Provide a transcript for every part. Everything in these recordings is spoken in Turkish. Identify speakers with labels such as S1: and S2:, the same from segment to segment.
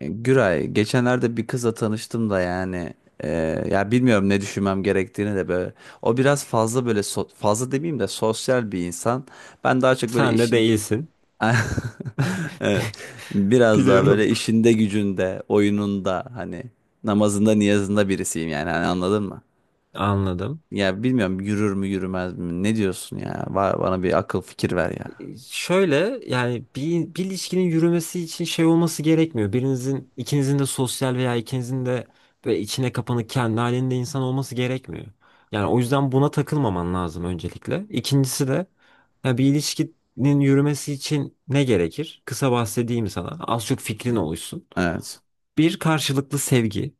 S1: E, Güray, geçenlerde bir kızla tanıştım da yani e, ya bilmiyorum ne düşünmem gerektiğini de böyle. O biraz fazla böyle fazla demeyeyim de sosyal bir insan. Ben daha çok böyle
S2: Sen de
S1: işin
S2: değilsin.
S1: evet, biraz daha
S2: Biliyorum.
S1: böyle işinde gücünde, oyununda hani namazında niyazında birisiyim yani hani anladın mı?
S2: Anladım.
S1: Ya bilmiyorum yürür mü yürümez mi? Ne diyorsun ya? Var, bana bir akıl fikir ver ya.
S2: Şöyle yani bir ilişkinin yürümesi için şey olması gerekmiyor. Birinizin, ikinizin de sosyal veya ikinizin de böyle içine kapanık kendi halinde insan olması gerekmiyor. Yani o yüzden buna takılmaman lazım öncelikle. İkincisi de ya bir ilişkinin yürümesi için ne gerekir? Kısa bahsedeyim sana. Az çok fikrin oluşsun.
S1: Evet.
S2: Bir karşılıklı sevgi.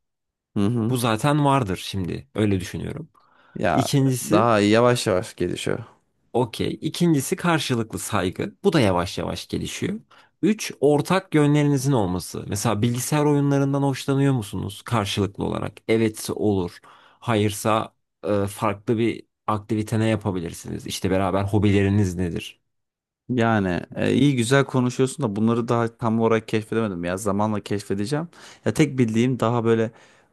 S1: Hı
S2: Bu
S1: hı.
S2: zaten vardır şimdi. Öyle düşünüyorum.
S1: Ya
S2: İkincisi.
S1: daha yavaş yavaş gelişiyor.
S2: Okey. İkincisi karşılıklı saygı. Bu da yavaş yavaş gelişiyor. Üç, ortak yönlerinizin olması. Mesela bilgisayar oyunlarından hoşlanıyor musunuz karşılıklı olarak? Evetse olur. Hayırsa farklı bir aktivite ne yapabilirsiniz? İşte beraber hobileriniz nedir?
S1: Yani iyi güzel konuşuyorsun da bunları daha tam olarak keşfedemedim ya. Zamanla keşfedeceğim. Ya tek bildiğim daha böyle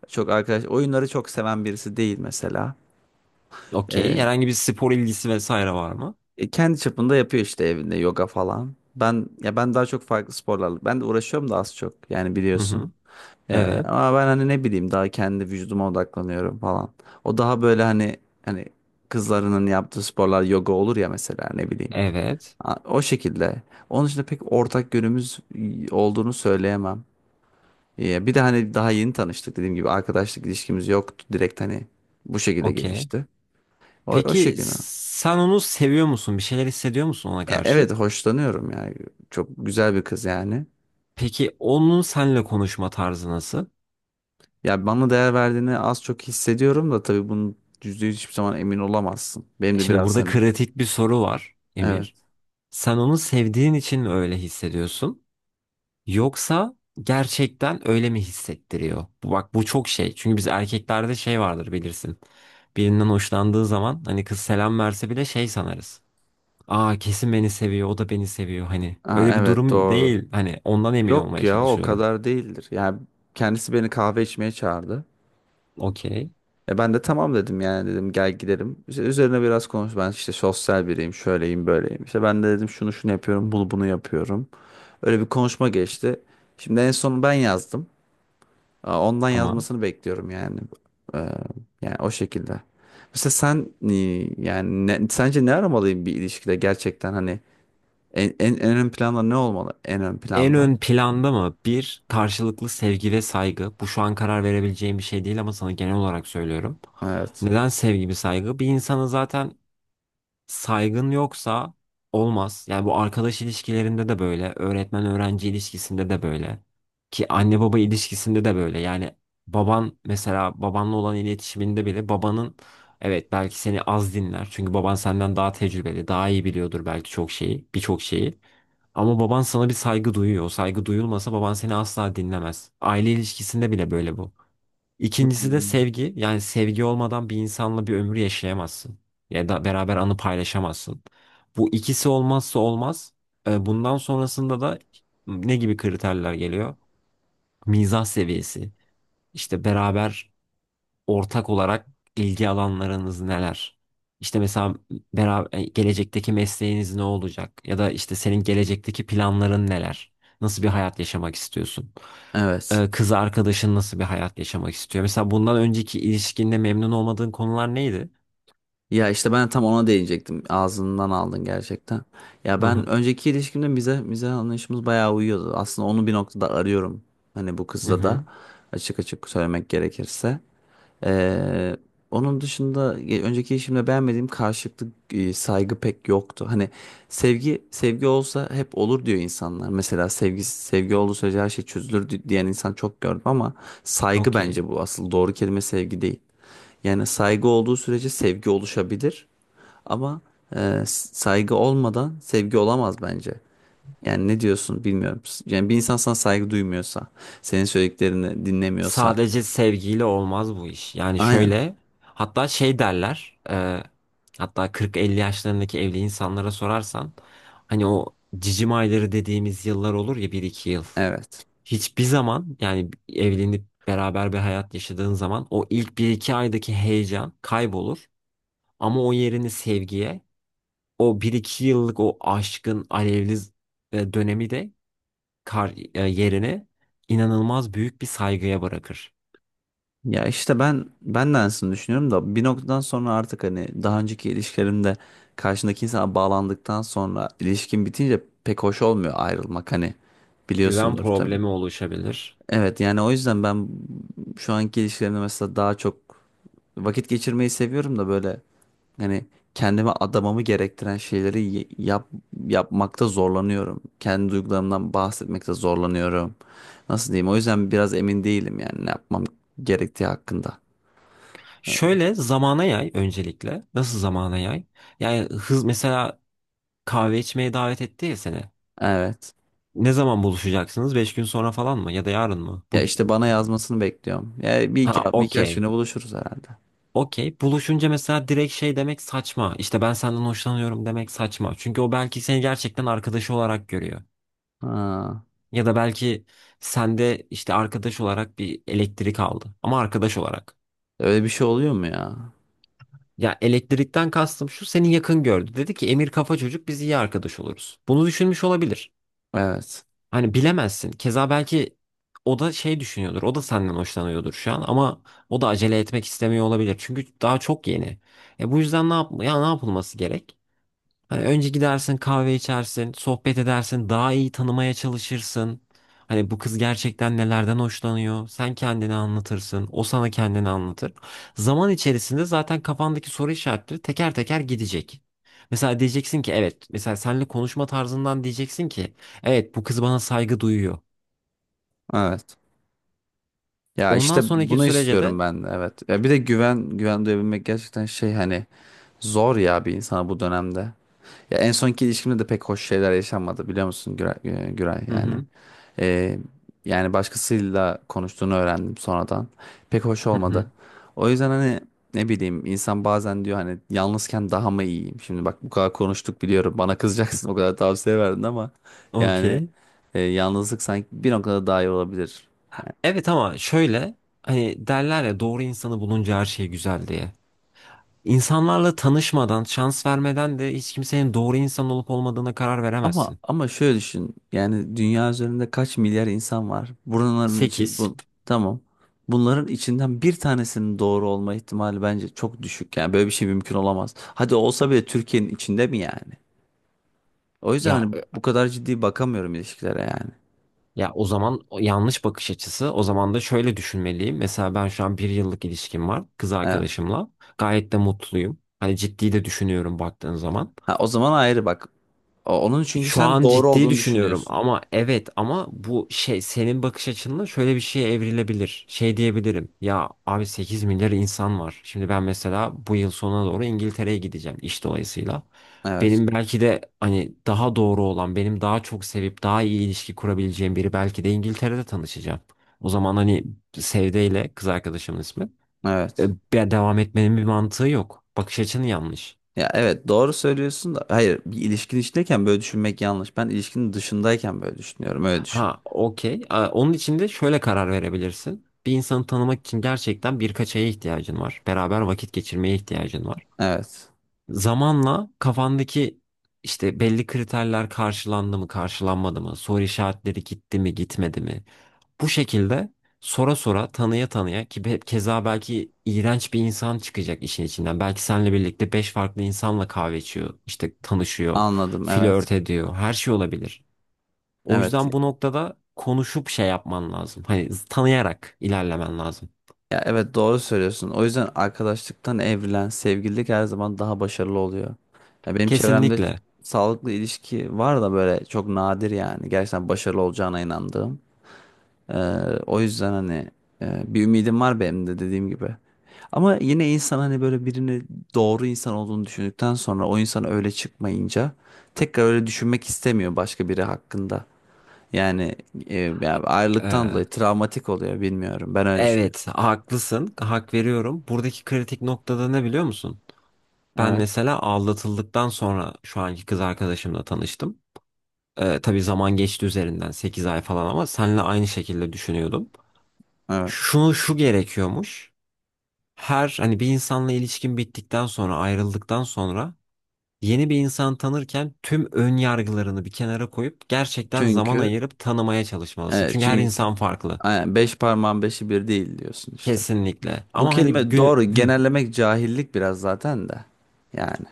S1: çok arkadaş oyunları çok seven birisi değil mesela.
S2: Okey.
S1: E,
S2: Herhangi bir spor ilgisi vesaire var mı?
S1: Kendi çapında yapıyor işte evinde yoga falan. Ben daha çok farklı sporlarla ben de uğraşıyorum da az çok yani
S2: Hı
S1: biliyorsun.
S2: hı. Evet.
S1: Ama ben hani ne bileyim daha kendi vücuduma odaklanıyorum falan. O daha böyle hani kızlarının yaptığı sporlar yoga olur ya mesela ne bileyim.
S2: Evet.
S1: O şekilde. Onun dışında pek ortak yönümüz olduğunu söyleyemem. Ya bir de hani daha yeni tanıştık dediğim gibi arkadaşlık ilişkimiz yoktu. Direkt hani bu şekilde
S2: Okey.
S1: gelişti. O
S2: Peki
S1: şekilde.
S2: sen onu seviyor musun? Bir şeyler hissediyor musun ona
S1: Ya evet,
S2: karşı?
S1: hoşlanıyorum yani. Çok güzel bir kız yani.
S2: Peki onun seninle konuşma tarzı nasıl?
S1: Ya bana değer verdiğini az çok hissediyorum da tabii bunu %100 hiçbir zaman emin olamazsın. Benim de
S2: Şimdi
S1: biraz
S2: burada
S1: hani
S2: kritik bir soru var
S1: evet.
S2: Emir. Sen onu sevdiğin için mi öyle hissediyorsun? Yoksa gerçekten öyle mi hissettiriyor? Bak bu çok şey. Çünkü biz erkeklerde şey vardır bilirsin. Birinden hoşlandığı zaman hani kız selam verse bile şey sanarız. Aa kesin beni seviyor, o da beni seviyor. Hani öyle bir
S1: Evet,
S2: durum
S1: doğru.
S2: değil. Hani ondan emin
S1: Yok
S2: olmaya
S1: ya, o
S2: çalışıyorum.
S1: kadar değildir. Yani kendisi beni kahve içmeye çağırdı.
S2: Okey,
S1: E, ben de tamam dedim yani, dedim gel gidelim. İşte üzerine biraz konuş. Ben işte sosyal biriyim, şöyleyim, böyleyim. İşte ben de dedim şunu şunu yapıyorum, bunu bunu yapıyorum. Öyle bir konuşma geçti. Şimdi en son ben yazdım. Ondan
S2: tamam.
S1: yazmasını bekliyorum yani. Ee, Yani o şekilde. Mesela sen yani sence ne aramalıyım bir ilişkide gerçekten hani en ön planda ne olmalı? En ön
S2: En
S1: planda.
S2: ön planda mı? Bir, karşılıklı sevgi ve saygı. Bu şu an karar verebileceğim bir şey değil ama sana genel olarak söylüyorum.
S1: Evet.
S2: Neden sevgi ve saygı? Bir insanı zaten saygın yoksa olmaz. Yani bu arkadaş ilişkilerinde de böyle, öğretmen öğrenci ilişkisinde de böyle ki anne baba ilişkisinde de böyle. Yani baban mesela babanla olan iletişiminde bile babanın evet belki seni az dinler. Çünkü baban senden daha tecrübeli, daha iyi biliyordur belki çok şeyi, birçok şeyi. Ama baban sana bir saygı duyuyor. O saygı duyulmasa baban seni asla dinlemez. Aile ilişkisinde bile böyle bu. İkincisi de
S1: Hmm.
S2: sevgi. Yani sevgi olmadan bir insanla bir ömür yaşayamazsın. Ya da beraber anı paylaşamazsın. Bu ikisi olmazsa olmaz. Bundan sonrasında da ne gibi kriterler geliyor? Mizah seviyesi. İşte beraber ortak olarak ilgi alanlarınız neler? İşte mesela beraber gelecekteki mesleğiniz ne olacak? Ya da işte senin gelecekteki planların neler? Nasıl bir hayat yaşamak istiyorsun?
S1: Evet.
S2: Kız arkadaşın nasıl bir hayat yaşamak istiyor? Mesela bundan önceki ilişkinde memnun olmadığın konular neydi?
S1: Ya işte ben tam ona değinecektim. Ağzından aldın gerçekten. Ya
S2: Hı
S1: ben
S2: hı.
S1: önceki ilişkimde bize anlayışımız bayağı uyuyordu. Aslında onu bir noktada arıyorum. Hani bu
S2: Hı
S1: kızda da
S2: hı.
S1: açık açık söylemek gerekirse. Ee, Onun dışında önceki ilişkimde beğenmediğim karşılıklı saygı pek yoktu. Hani sevgi sevgi olsa hep olur diyor insanlar. Mesela sevgi sevgi olduğu sürece her şey çözülür diyen insan çok gördüm ama saygı
S2: Okey.
S1: bence bu asıl doğru kelime, sevgi değil. Yani saygı olduğu sürece sevgi oluşabilir. Ama saygı olmadan sevgi olamaz bence. Yani ne diyorsun bilmiyorum. Yani bir insan sana saygı duymuyorsa, senin söylediklerini dinlemiyorsa.
S2: Sadece sevgiyle olmaz bu iş. Yani
S1: Aynen.
S2: şöyle hatta şey derler hatta 40-50 yaşlarındaki evli insanlara sorarsan hani o cicim ayları dediğimiz yıllar olur ya bir iki yıl.
S1: Evet.
S2: Hiçbir zaman yani evlenip beraber bir hayat yaşadığın zaman o ilk bir iki aydaki heyecan kaybolur. Ama o yerini sevgiye o bir iki yıllık o aşkın alevli dönemi de yerini inanılmaz büyük bir saygıya bırakır.
S1: Ya işte ben de aynısını düşünüyorum da bir noktadan sonra artık hani daha önceki ilişkilerimde karşındaki insana bağlandıktan sonra ilişkin bitince pek hoş olmuyor ayrılmak, hani
S2: Güven
S1: biliyorsundur tabii.
S2: problemi oluşabilir.
S1: Evet, yani o yüzden ben şu anki ilişkilerimde mesela daha çok vakit geçirmeyi seviyorum da böyle hani kendime adamamı gerektiren şeyleri yapmakta zorlanıyorum. Kendi duygularımdan bahsetmekte zorlanıyorum. Nasıl diyeyim? O yüzden biraz emin değilim yani ne yapmam gerektiği hakkında.
S2: Şöyle zamana yay öncelikle. Nasıl zamana yay? Yani hız mesela kahve içmeye davet etti ya seni.
S1: Evet.
S2: Ne zaman buluşacaksınız? 5 gün sonra falan mı? Ya da yarın mı?
S1: Ya
S2: Bugün.
S1: işte bana yazmasını bekliyorum. Ya
S2: Ha
S1: birkaç
S2: okey.
S1: güne buluşuruz herhalde.
S2: Okey. Buluşunca mesela direkt şey demek saçma. İşte ben senden hoşlanıyorum demek saçma. Çünkü o belki seni gerçekten arkadaşı olarak görüyor.
S1: Ha,
S2: Ya da belki sende işte arkadaş olarak bir elektrik aldı. Ama arkadaş olarak.
S1: öyle bir şey oluyor mu ya?
S2: Ya elektrikten kastım şu seni yakın gördü. Dedi ki Emir kafa çocuk biz iyi arkadaş oluruz. Bunu düşünmüş olabilir.
S1: Evet.
S2: Hani bilemezsin. Keza belki o da şey düşünüyordur. O da senden hoşlanıyordur şu an ama o da acele etmek istemiyor olabilir. Çünkü daha çok yeni. E bu yüzden ne yap ya ne yapılması gerek? Hani önce gidersin kahve içersin, sohbet edersin, daha iyi tanımaya çalışırsın. Hani bu kız gerçekten nelerden hoşlanıyor? Sen kendini anlatırsın, o sana kendini anlatır. Zaman içerisinde zaten kafandaki soru işaretleri teker teker gidecek. Mesela diyeceksin ki evet, mesela seninle konuşma tarzından diyeceksin ki evet bu kız bana saygı duyuyor.
S1: Evet. Ya
S2: Ondan
S1: işte
S2: sonraki
S1: bunu
S2: sürece
S1: istiyorum
S2: de.
S1: ben, evet. Ya bir de güven duyabilmek gerçekten şey hani zor ya bir insana bu dönemde. Ya en sonki ilişkimde de pek hoş şeyler yaşanmadı, biliyor musun Güray,
S2: Hı
S1: yani.
S2: hı.
S1: Ee, Yani başkasıyla konuştuğunu öğrendim sonradan. Pek hoş
S2: Hı hı.
S1: olmadı. O yüzden hani ne bileyim insan bazen diyor hani yalnızken daha mı iyiyim? Şimdi bak bu kadar konuştuk biliyorum, bana kızacaksın o kadar tavsiye verdin ama yani
S2: Okey.
S1: yalnızlık sanki bir noktada daha iyi olabilir.
S2: Evet ama şöyle hani derler ya doğru insanı bulunca her şey güzel diye. İnsanlarla tanışmadan, şans vermeden de hiç kimsenin doğru insan olup olmadığına karar
S1: Ama
S2: veremezsin.
S1: ama şöyle düşün. Yani dünya üzerinde kaç milyar insan var? Bunların için
S2: 8.
S1: bu tamam. Bunların içinden bir tanesinin doğru olma ihtimali bence çok düşük. Yani böyle bir şey mümkün olamaz. Hadi olsa bile Türkiye'nin içinde mi yani? O yüzden
S2: Ya
S1: hani
S2: e,
S1: bu kadar ciddi bakamıyorum ilişkilere yani.
S2: ya o zaman o yanlış bakış açısı. O zaman da şöyle düşünmeliyim. Mesela ben şu an bir yıllık ilişkim var kız
S1: Evet.
S2: arkadaşımla. Gayet de mutluyum. Hani ciddi de düşünüyorum baktığın zaman.
S1: Ha, o zaman ayrı bak. Onun, çünkü
S2: Şu
S1: sen
S2: an
S1: doğru
S2: ciddi
S1: olduğunu
S2: düşünüyorum
S1: düşünüyorsun.
S2: ama evet ama bu şey senin bakış açınla şöyle bir şeye evrilebilir. Şey diyebilirim ya abi 8 milyar insan var. Şimdi ben mesela bu yıl sonuna doğru İngiltere'ye gideceğim iş dolayısıyla.
S1: Evet.
S2: Benim belki de hani daha doğru olan benim daha çok sevip daha iyi ilişki kurabileceğim biri belki de İngiltere'de tanışacağım. O zaman hani Sevde ile kız arkadaşımın ismi.
S1: Evet.
S2: Devam etmenin bir mantığı yok. Bakış açın yanlış.
S1: Ya evet, doğru söylüyorsun da hayır, bir ilişkin içindeyken böyle düşünmek yanlış. Ben ilişkinin dışındayken böyle düşünüyorum. Öyle düşün.
S2: Ha, okey. Onun için de şöyle karar verebilirsin. Bir insanı tanımak için gerçekten birkaç aya ihtiyacın var. Beraber vakit geçirmeye ihtiyacın var.
S1: Evet.
S2: Zamanla kafandaki işte belli kriterler karşılandı mı, karşılanmadı mı, soru işaretleri gitti mi, gitmedi mi? Bu şekilde sora sora, tanıya tanıya ki keza belki iğrenç bir insan çıkacak işin içinden. Belki seninle birlikte beş farklı insanla kahve içiyor, işte tanışıyor,
S1: Anladım, evet.
S2: flört ediyor, her şey olabilir. O
S1: Evet.
S2: yüzden bu noktada konuşup şey yapman lazım. Hani tanıyarak ilerlemen lazım.
S1: Ya evet, doğru söylüyorsun. O yüzden arkadaşlıktan evrilen sevgililik her zaman daha başarılı oluyor. Ya benim çevremde
S2: Kesinlikle.
S1: sağlıklı ilişki var da böyle çok nadir yani. Gerçekten başarılı olacağına inandığım. Ee, O yüzden hani bir ümidim var benim de dediğim gibi. Ama yine insan hani böyle birini doğru insan olduğunu düşündükten sonra o insan öyle çıkmayınca tekrar öyle düşünmek istemiyor başka biri hakkında. Yani ya
S2: Ha-
S1: ayrılıktan
S2: eee,
S1: dolayı travmatik oluyor bilmiyorum. Ben öyle düşünüyorum.
S2: evet, haklısın. Hak veriyorum. Buradaki kritik noktada ne biliyor musun? Ben
S1: Evet,
S2: mesela aldatıldıktan sonra şu anki kız arkadaşımla tanıştım. Tabii zaman geçti üzerinden 8 ay falan ama seninle aynı şekilde düşünüyordum.
S1: evet.
S2: Şunu şu gerekiyormuş. Her hani bir insanla ilişkin bittikten sonra ayrıldıktan sonra yeni bir insan tanırken tüm ön yargılarını bir kenara koyup gerçekten zaman
S1: Çünkü
S2: ayırıp tanımaya çalışmalısın.
S1: e,
S2: Çünkü her
S1: çünkü
S2: insan farklı.
S1: aynen, beş parmağın beşi bir değil diyorsun işte.
S2: Kesinlikle.
S1: Bu
S2: Ama hani
S1: kelime
S2: günü.
S1: doğru,
S2: Hı.
S1: genellemek cahillik biraz zaten de. Yani.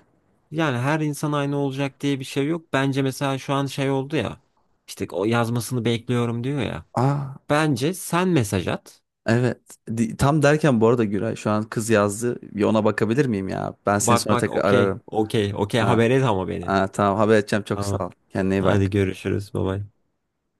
S2: Yani her insan aynı olacak diye bir şey yok. Bence mesela şu an şey oldu ya. İşte o yazmasını bekliyorum diyor ya.
S1: Aa
S2: Bence sen mesaj at.
S1: evet. Tam derken bu arada Güray, şu an kız yazdı. Bir ona bakabilir miyim ya? Ben seni
S2: Bak
S1: sonra
S2: bak
S1: tekrar
S2: okey
S1: ararım.
S2: okey okey
S1: Ha,
S2: haber et ama beni.
S1: ha, tamam, haber edeceğim, çok sağ
S2: Tamam.
S1: ol. Kendine iyi
S2: Hadi
S1: bak.
S2: görüşürüz. Bye bye.